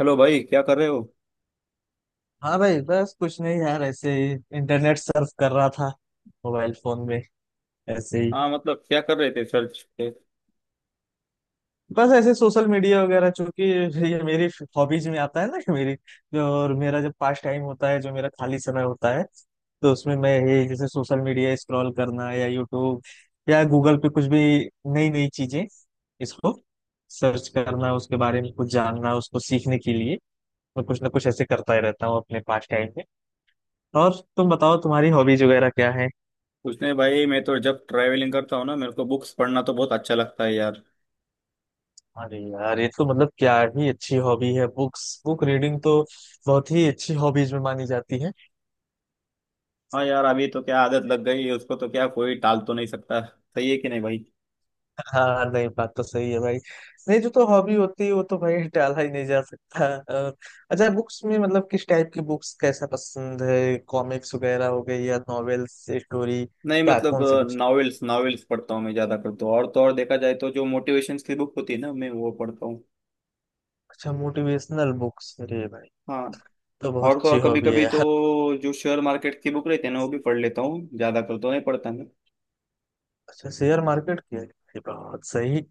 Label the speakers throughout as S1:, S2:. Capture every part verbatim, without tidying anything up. S1: Hello भाई, क्या कर रहे हो।
S2: हाँ भाई, बस कुछ नहीं यार, ऐसे ही इंटरनेट सर्फ कर रहा था मोबाइल फोन में। ऐसे ही
S1: हाँ, मतलब क्या कर रहे थे सर्च पे।
S2: बस, ऐसे सोशल मीडिया वगैरह, चूंकि ये मेरी हॉबीज में आता है ना। मेरी जो और मेरा जब पास टाइम होता है, जो मेरा खाली समय होता है, तो उसमें मैं ये जैसे सोशल मीडिया स्क्रॉल करना या यूट्यूब या गूगल पे कुछ भी नई नई चीजें इसको सर्च करना, उसके बारे में कुछ जानना, उसको सीखने के लिए मैं कुछ ना कुछ ऐसे करता ही रहता हूँ अपने पास टाइम में। और तुम बताओ, तुम्हारी हॉबीज वगैरह क्या है?
S1: कुछ नहीं भाई, मैं तो जब ट्रैवलिंग करता हूँ ना मेरे को बुक्स पढ़ना तो बहुत अच्छा लगता है यार।
S2: अरे यार, ये तो मतलब क्या ही अच्छी हॉबी है। बुक्स, बुक रीडिंग तो बहुत ही अच्छी हॉबीज में मानी जाती है।
S1: हाँ यार, अभी तो क्या आदत लग गई है उसको, तो क्या कोई टाल तो नहीं सकता, सही है कि नहीं भाई।
S2: हाँ नहीं, बात तो सही है भाई। नहीं, जो तो हॉबी होती है वो तो भाई टाला ही नहीं जा सकता। और अच्छा, बुक्स में मतलब किस टाइप की बुक्स कैसा पसंद है? कॉमिक्स वगैरह हो गई या नॉवेल्स स्टोरी,
S1: नहीं
S2: क्या
S1: मतलब
S2: कौन सी बुक्स?
S1: नॉवेल्स नॉवेल्स पढ़ता हूँ, मैं ज़्यादा करता हूँ। और तो और देखा जाए तो जो मोटिवेशन की बुक होती है ना मैं वो पढ़ता हूँ।
S2: अच्छा मोटिवेशनल बुक्स, अरे भाई
S1: हाँ।
S2: तो बहुत
S1: और तो और
S2: अच्छी
S1: कभी
S2: हॉबी है
S1: कभी तो
S2: यार।
S1: जो शेयर मार्केट की बुक रहती है ना वो भी पढ़ लेता हूँ, ज़्यादा कर तो नहीं पढ़ता मैं।
S2: अच्छा शेयर मार्केट की है? अरे, बहुत सही।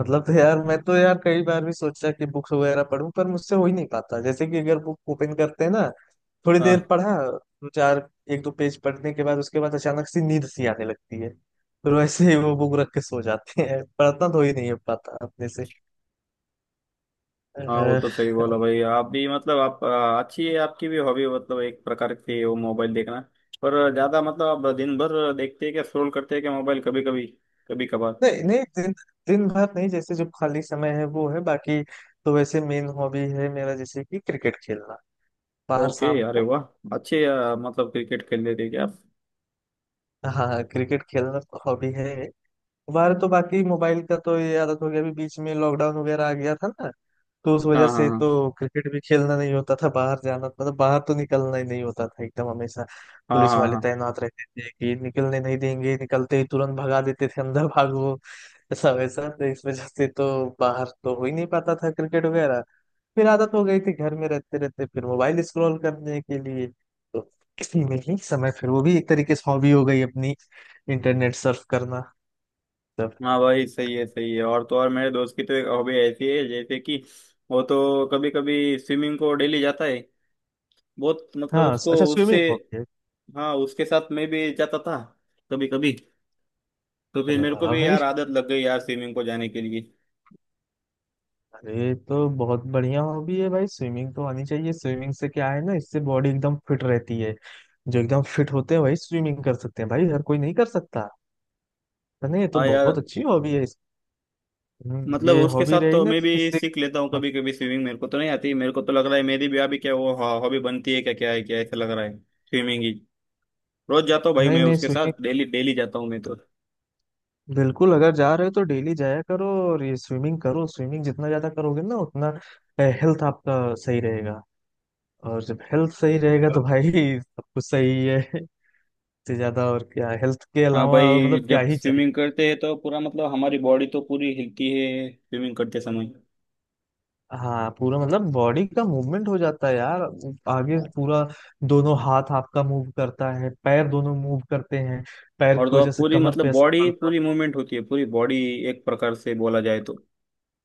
S2: मतलब तो यार, मैं तो यार कई बार भी सोचा कि बुक्स वगैरह पढूं, पर मुझसे हो ही नहीं पाता। जैसे कि अगर बुक ओपन करते हैं ना, थोड़ी देर पढ़ा, दो चार एक दो पेज पढ़ने के बाद उसके बाद अचानक से नींद सी आने लगती है। फिर वैसे ही वो बुक रख के सो जाते हैं, पढ़ना तो ही नहीं हो पाता अपने से।
S1: हाँ, वो
S2: अह,
S1: तो सही बोला भाई आप भी। मतलब आप आ, अच्छी है आपकी भी हॉबी, मतलब एक प्रकार की है वो, मोबाइल देखना। पर ज्यादा मतलब आप दिन भर देखते हैं क्या, स्क्रॉल करते हैं क्या मोबाइल, कभी कभी, कभी कभार।
S2: नहीं नहीं, दिन दिन भर नहीं, जैसे जो खाली समय है वो है बाकी। तो वैसे मेन हॉबी है मेरा, जैसे कि क्रिकेट खेलना बाहर
S1: ओके,
S2: शाम
S1: अरे
S2: को।
S1: वाह। अच्छे आ, मतलब क्रिकेट खेल लेते हैं क्या आप।
S2: हाँ हाँ, क्रिकेट खेलना हॉबी है बाहर। तो बाकी मोबाइल का तो ये आदत हो गया। अभी बीच में लॉकडाउन वगैरह आ गया था ना, तो उस वजह
S1: हाँ हाँ
S2: से
S1: हाँ।
S2: तो क्रिकेट भी खेलना नहीं होता था। बाहर जाना मतलब, बाहर तो निकलना ही नहीं होता था एकदम हमेशा।
S1: हाँ
S2: पुलिस
S1: हाँ
S2: वाले
S1: हाँ।
S2: तैनात रहते थे कि निकलने नहीं देंगे, निकलते ही तुरंत भगा देते थे, अंदर भागो ऐसा वैसा। तो इस वजह से तो बाहर तो हो ही नहीं पाता था क्रिकेट वगैरह। फिर आदत हो गई थी घर में रहते रहते, फिर मोबाइल स्क्रॉल करने के लिए तो इसी में ही समय, फिर वो भी एक तरीके से हॉबी हो गई अपनी, इंटरनेट सर्फ करना।
S1: हाँ भाई सही है, सही है। और तो और मेरे दोस्त की तो एक हॉबी ऐसी है, जैसे कि वो तो कभी कभी स्विमिंग को डेली जाता है। बहुत मतलब
S2: हाँ स-
S1: उसको
S2: अच्छा,
S1: उससे।
S2: स्विमिंग हॉबी है।
S1: हाँ, उसके साथ मैं भी जाता था कभी कभी। तो फिर
S2: अरे
S1: मेरे को
S2: वाह
S1: भी
S2: भाई!
S1: यार आदत लग गई यार स्विमिंग को जाने के लिए।
S2: अरे तो बहुत बढ़िया हॉबी है भाई, स्विमिंग तो आनी चाहिए। स्विमिंग से क्या है ना, इससे बॉडी एकदम फिट रहती है। जो एकदम फिट होते हैं वही स्विमिंग कर सकते हैं भाई, हर कोई नहीं कर सकता। तो नहीं, ये तो
S1: हाँ यार।
S2: बहुत अच्छी हॉबी है इस- हम्म,
S1: मतलब
S2: ये
S1: उसके
S2: हॉबी
S1: साथ
S2: रहेगी
S1: तो
S2: ना
S1: मैं
S2: तो
S1: भी
S2: इससे।
S1: सीख लेता हूँ
S2: हाँ,
S1: कभी कभी स्विमिंग, मेरे को तो नहीं आती। मेरे को तो लग रहा है मेरी भी अभी क्या वो हॉबी बनती है क्या, क्या है क्या, ऐसा लग रहा है स्विमिंग ही। रोज जाता हूँ भाई
S2: नहीं
S1: मैं
S2: नहीं
S1: उसके
S2: स्विमिंग,
S1: साथ, डेली डेली जाता हूँ मैं तो।
S2: बिल्कुल अगर जा रहे हो तो डेली जाया करो। और ये स्विमिंग करो, स्विमिंग जितना ज्यादा करोगे ना उतना हेल्थ आपका सही रहेगा। और जब हेल्थ सही रहेगा तो भाई सब कुछ सही है। से ज्यादा और क्या, हेल्थ के
S1: हाँ
S2: अलावा और
S1: भाई,
S2: मतलब क्या
S1: जब
S2: ही चाहिए।
S1: स्विमिंग करते हैं तो पूरा मतलब हमारी बॉडी तो पूरी हिलती है स्विमिंग करते समय।
S2: हाँ, पूरा मतलब बॉडी का मूवमेंट हो जाता है यार। आगे पूरा दोनों हाथ आपका मूव करता है, पैर दोनों मूव करते हैं, पैर
S1: और
S2: की
S1: तो
S2: वजह
S1: आप
S2: से
S1: पूरी
S2: कमर पे
S1: मतलब
S2: असर
S1: बॉडी
S2: पड़ता है।
S1: पूरी मूवमेंट होती है पूरी बॉडी, एक प्रकार से बोला जाए तो।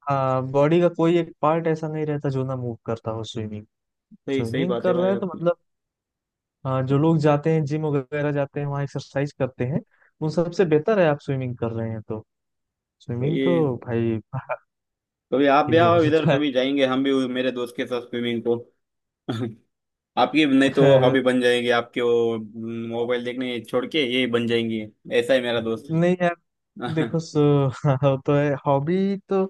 S2: हाँ, बॉडी का कोई एक पार्ट ऐसा नहीं रहता जो ना मूव करता हो स्विमिंग।
S1: सही सही
S2: स्विमिंग
S1: बात है
S2: कर रहे
S1: भाई
S2: हैं तो
S1: आपकी।
S2: मतलब। हाँ, जो लोग जाते हैं जिम वगैरह जाते हैं वहाँ एक्सरसाइज करते हैं, उन सबसे बेहतर है आप स्विमिंग कर रहे हैं तो। स्विमिंग
S1: भाई
S2: तो भाई बाहर
S1: कभी आप
S2: के
S1: भी आओ
S2: लेवल
S1: इधर,
S2: का
S1: कभी जाएंगे हम भी मेरे दोस्त के साथ स्विमिंग को। आपकी नहीं तो
S2: है।
S1: हॉबी बन जाएगी आपके वो, मोबाइल देखने छोड़ के ये बन जाएंगी। ऐसा है मेरा दोस्त।
S2: नहीं यार, देखो
S1: हाँ।
S2: सो वो तो है, हॉबी तो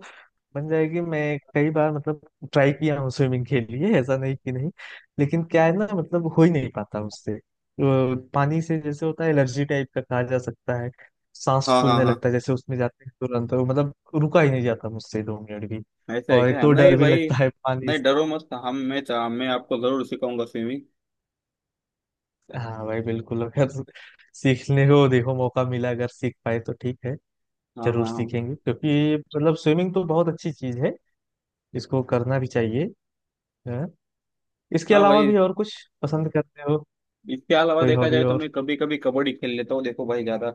S2: बन जाएगी। मैं कई बार मतलब ट्राई किया हूँ स्विमिंग के लिए, ऐसा नहीं कि नहीं। लेकिन क्या है ना, मतलब हो ही नहीं पाता उससे। वो पानी से जैसे होता है एलर्जी टाइप का कहा जा सकता है। सांस
S1: हाँ
S2: फूलने
S1: हाँ,
S2: लगता है, जैसे उसमें जाते हैं तुरंत वो मतलब रुका ही नहीं जाता मुझसे दो मिनट भी।
S1: ऐसा है
S2: और एक
S1: क्या?
S2: तो डर
S1: नहीं
S2: भी
S1: भाई,
S2: लगता है पानी
S1: नहीं
S2: से।
S1: डरो मत। हम मैं मैं आपको जरूर सिखाऊंगा स्विमिंग।
S2: हाँ भाई बिल्कुल, अगर सीखने को देखो मौका मिला अगर सीख पाए तो ठीक है,
S1: हाँ
S2: जरूर
S1: हाँ हाँ।
S2: सीखेंगे क्योंकि मतलब स्विमिंग तो बहुत अच्छी चीज है, इसको करना भी चाहिए। हाँ। इसके
S1: हाँ
S2: अलावा
S1: भाई,
S2: भी और कुछ पसंद करते हो,
S1: इसके अलावा
S2: कोई
S1: देखा
S2: हॉबी
S1: जाए तो
S2: और?
S1: मैं कभी कभी कबड्डी खेल लेता हूँ, देखो भाई ज्यादा।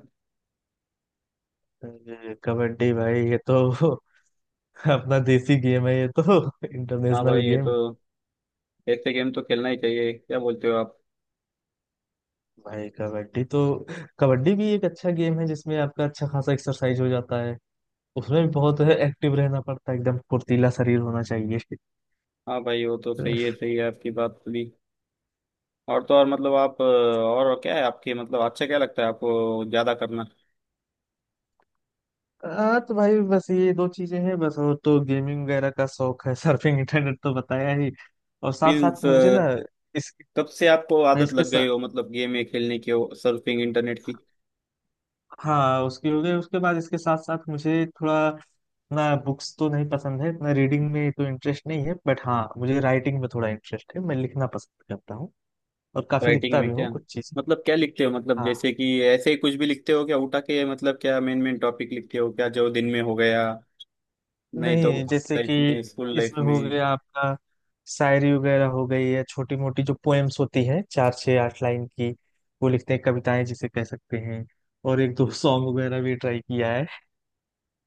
S2: अरे, कबड्डी भाई! ये तो अपना देसी गेम है। ये तो
S1: हाँ
S2: इंटरनेशनल
S1: भाई ये तो,
S2: गेम।
S1: ऐसे गेम तो खेलना ही चाहिए, क्या बोलते हो आप।
S2: भाई कबड्डी तो, कबड्डी भी एक अच्छा गेम है जिसमें आपका अच्छा खासा एक्सरसाइज हो जाता है। उसमें भी बहुत एक्टिव रहना पड़ता है, एकदम फुर्तीला शरीर होना चाहिए।
S1: हाँ भाई, वो तो सही है, सही है आपकी बात भी। और तो और मतलब आप अ, और क्या है आपके, मतलब अच्छा क्या लगता है आपको ज्यादा करना।
S2: हाँ तो भाई बस ये दो चीजें हैं बस। और तो गेमिंग वगैरह का शौक है सर्फिंग इंटरनेट तो बताया ही। और साथ साथ
S1: मीन्स,
S2: मुझे ना इस,
S1: कब से आपको आदत
S2: इसके
S1: लग गई
S2: सा-
S1: हो मतलब गेम में खेलने की, सर्फिंग इंटरनेट की।
S2: हाँ, उसकी हो गई। उसके बाद इसके साथ साथ मुझे थोड़ा ना, बुक्स तो नहीं पसंद है ना, रीडिंग में तो इंटरेस्ट नहीं है, बट हाँ मुझे राइटिंग में थोड़ा इंटरेस्ट है, मैं लिखना पसंद करता हूँ और काफी
S1: राइटिंग
S2: लिखता
S1: में
S2: भी हूँ
S1: क्या,
S2: कुछ चीजें।
S1: मतलब क्या लिखते हो, मतलब
S2: हाँ
S1: जैसे कि ऐसे ही कुछ भी लिखते हो क्या उठा के, मतलब क्या मेन मेन टॉपिक लिखते हो क्या जो दिन में हो गया, नहीं तो
S2: नहीं, जैसे कि
S1: लाइफ में, स्कूल लाइफ
S2: इसमें हो
S1: में।
S2: गया आपका, शायरी वगैरह हो गई या छोटी मोटी जो पोएम्स होती हैं चार छः आठ लाइन की, वो लिखते हैं, कविताएं जिसे कह सकते हैं। और एक दो सॉन्ग वगैरह भी ट्राई किया है।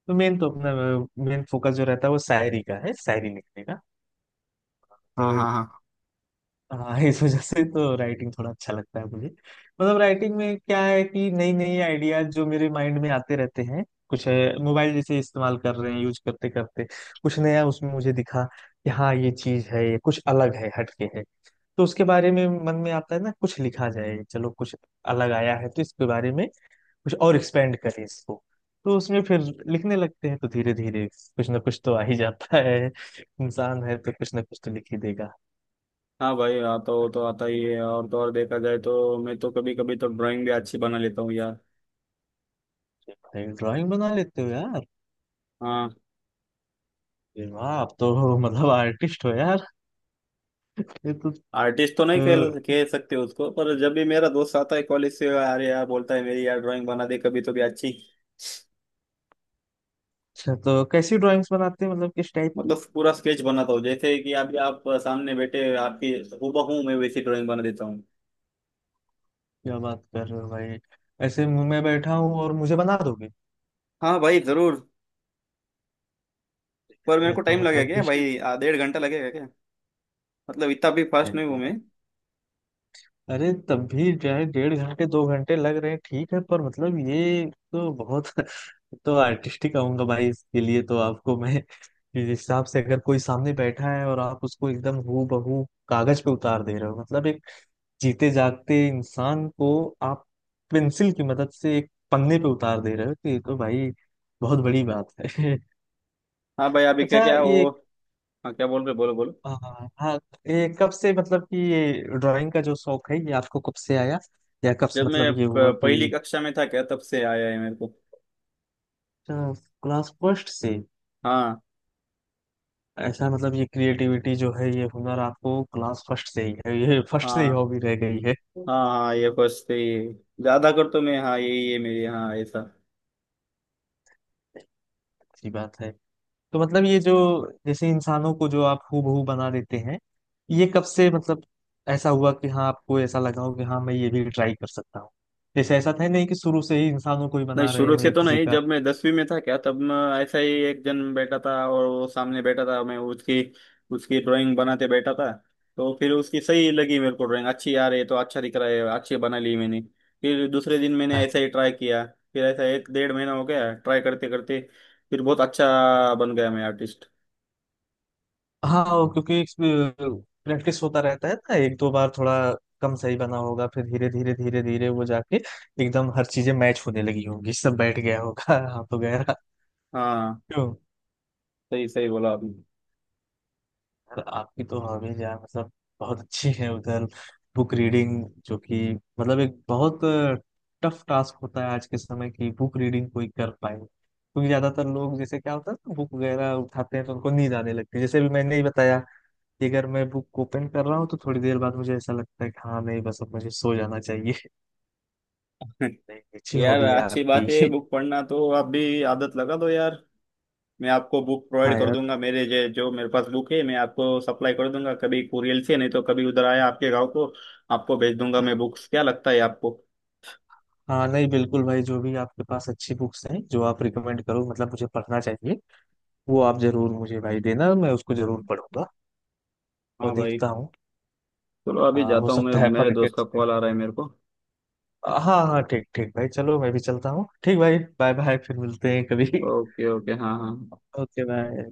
S2: तो मेन तो अपना मेन फोकस जो रहता है वो शायरी का है, शायरी लिखने का तो।
S1: हाँ हाँ हाँ।
S2: हाँ इस वजह से तो राइटिंग थोड़ा अच्छा लगता है मुझे। मतलब राइटिंग में क्या है कि नई नई आइडियाज जो मेरे माइंड में आते रहते हैं, कुछ मोबाइल जैसे इस्तेमाल कर रहे हैं यूज करते करते कुछ नया उसमें मुझे दिखा कि हाँ ये चीज है, ये कुछ अलग है, हटके है। तो उसके बारे में मन में आता है ना कुछ लिखा जाए, चलो कुछ अलग आया है तो इसके बारे में कुछ और एक्सपेंड करें इसको। तो उसमें फिर लिखने लगते हैं, तो धीरे धीरे कुछ ना कुछ तो आ ही जाता है। इंसान है तो कुछ ना कुछ तो लिख ही देगा।
S1: हाँ भाई, आता हो तो आता ही है। और तो और देखा जाए तो मैं तो कभी कभी तो ड्राइंग भी अच्छी बना लेता हूँ यार।
S2: भाई ड्राइंग बना लेते हो यार!
S1: हाँ।
S2: ये वाह, आप तो मतलब आर्टिस्ट हो यार। ये तो,
S1: आर्टिस्ट तो नहीं कह
S2: तो
S1: कह सकते उसको, पर जब भी मेरा दोस्त आता है कॉलेज से, अरे यार बोलता है मेरी, यार ड्राइंग बना दे कभी तो भी अच्छी।
S2: अच्छा, तो कैसी ड्राइंग्स बनाते हैं मतलब किस टाइप की?
S1: मतलब पूरा स्केच बनाता हूँ, जैसे कि अभी आप सामने बैठे आपकी हूबहू मैं वैसी ड्राइंग बना देता हूँ।
S2: क्या बात कर रहे हो भाई! ऐसे मुंह में बैठा हूँ और मुझे बना दोगे?
S1: हाँ भाई, जरूर। पर
S2: यार
S1: मेरे
S2: ये
S1: को
S2: तो
S1: टाइम लगेगा
S2: मतलब कि,
S1: क्या भाई, आ, डेढ़ घंटा लगेगा क्या। मतलब इतना भी फास्ट नहीं हूँ
S2: यार
S1: मैं।
S2: अरे तब भी जो है, डेढ़ घंटे दो घंटे लग रहे हैं ठीक है, पर मतलब ये तो बहुत तो आर्टिस्टिक कहूंगा भाई इसके लिए तो आपको मैं जिस हिसाब से अगर कोई सामने बैठा है और आप उसको एकदम हूबहू कागज पे उतार दे रहे हो, मतलब एक जीते जागते इंसान को आप पेंसिल की मदद से एक पन्ने पे उतार दे रहे हो, तो ये तो भाई बहुत बड़ी बात है।
S1: हाँ भाई अभी क्या
S2: अच्छा
S1: क्या
S2: ये,
S1: वो। हाँ क्या बोल रहे, बोलो बोलो।
S2: हाँ हाँ, ये कब से मतलब कि ये ड्राइंग का जो शौक है ये आपको कब से आया या कब से
S1: जब
S2: मतलब
S1: मैं
S2: ये हुआ
S1: प- पहली
S2: कि?
S1: कक्षा में था क्या, तब से आया है मेरे को।
S2: अच्छा, क्लास फर्स्ट से!
S1: हाँ।
S2: ऐसा मतलब ये क्रिएटिविटी जो है ये हुनर आपको क्लास फर्स्ट से ही है, ये फर्स्ट से ही
S1: हाँ
S2: हॉबी रह गई है।
S1: हाँ, हाँ ये फर्स्ट से ही। ज्यादा कर तो मैं हाँ यही है मेरी, हाँ ऐसा।
S2: अच्छी बात है। तो मतलब ये जो जैसे इंसानों को जो आप हूबहू बना देते हैं, ये कब से मतलब ऐसा हुआ कि हाँ आपको ऐसा लगा हो कि हाँ मैं ये भी ट्राई कर सकता हूँ? जैसे ऐसा था नहीं कि शुरू से ही इंसानों को ही
S1: नहीं,
S2: बना रहे
S1: शुरू
S2: हो
S1: से
S2: या
S1: तो
S2: किसी
S1: नहीं।
S2: का।
S1: जब मैं दसवीं में था क्या तब मैं, ऐसा ही एक जन बैठा था और वो सामने बैठा था, मैं उसकी उसकी ड्राइंग बनाते बैठा था। तो फिर उसकी सही लगी मेरे को, ड्राइंग अच्छी आ रही है, तो अच्छा दिख रहा है, अच्छी बना ली मैंने। फिर दूसरे दिन मैंने
S2: हाँ
S1: ऐसा ही ट्राई किया। फिर ऐसा एक डेढ़ महीना हो गया ट्राई करते करते, फिर बहुत अच्छा बन गया मैं आर्टिस्ट।
S2: हाँ, और क्योंकि प्रैक्टिस होता रहता है ना, एक दो बार थोड़ा कम सही बना होगा फिर धीरे धीरे धीरे धीरे वो जाके एकदम हर चीजें मैच होने लगी होंगी, सब बैठ गया होगा हाथ वगैरह।
S1: हाँ, सही सही बोला आपने।
S2: यार आपकी तो हॉबीज यार मतलब बहुत अच्छी है उधर। बुक रीडिंग जो कि मतलब एक बहुत टफ टास्क होता है आज के समय की, बुक रीडिंग कोई कर पाए क्योंकि ज्यादातर लोग जैसे क्या होता है ना बुक वगैरह उठाते हैं तो उनको नींद आने लगती है, जैसे भी मैंने ही बताया कि अगर मैं बुक ओपन कर रहा हूँ तो थोड़ी देर बाद मुझे ऐसा लगता है कि हाँ नहीं बस अब मुझे सो जाना चाहिए नहीं अच्छी
S1: यार
S2: हॉबी है
S1: अच्छी बात है,
S2: आपकी।
S1: बुक पढ़ना तो आप भी आदत लगा दो यार। मैं आपको बुक प्रोवाइड
S2: हाँ
S1: कर
S2: यार।
S1: दूंगा, मेरे जे, जो मेरे पास बुक है मैं आपको सप्लाई कर दूंगा, कभी कुरियर से, नहीं तो कभी उधर आया आपके गांव को आपको भेज दूंगा मैं बुक्स। क्या लगता है आपको।
S2: हाँ नहीं बिल्कुल भाई, जो भी आपके पास अच्छी बुक्स हैं जो आप रिकमेंड करो मतलब मुझे पढ़ना चाहिए, वो आप जरूर मुझे भाई देना, मैं उसको जरूर पढ़ूंगा और
S1: हाँ भाई,
S2: देखता हूँ।
S1: चलो अभी
S2: हाँ, हो
S1: जाता हूँ मैं,
S2: सकता है
S1: मेरे
S2: पढ़ के
S1: दोस्त का
S2: अच्छे-
S1: कॉल आ रहा है मेरे को।
S2: हाँ हाँ ठीक ठीक भाई चलो, मैं भी चलता हूँ। ठीक भाई, बाय बाय, फिर मिलते हैं कभी
S1: ओके ओके, हाँ हाँ।
S2: Okay bye.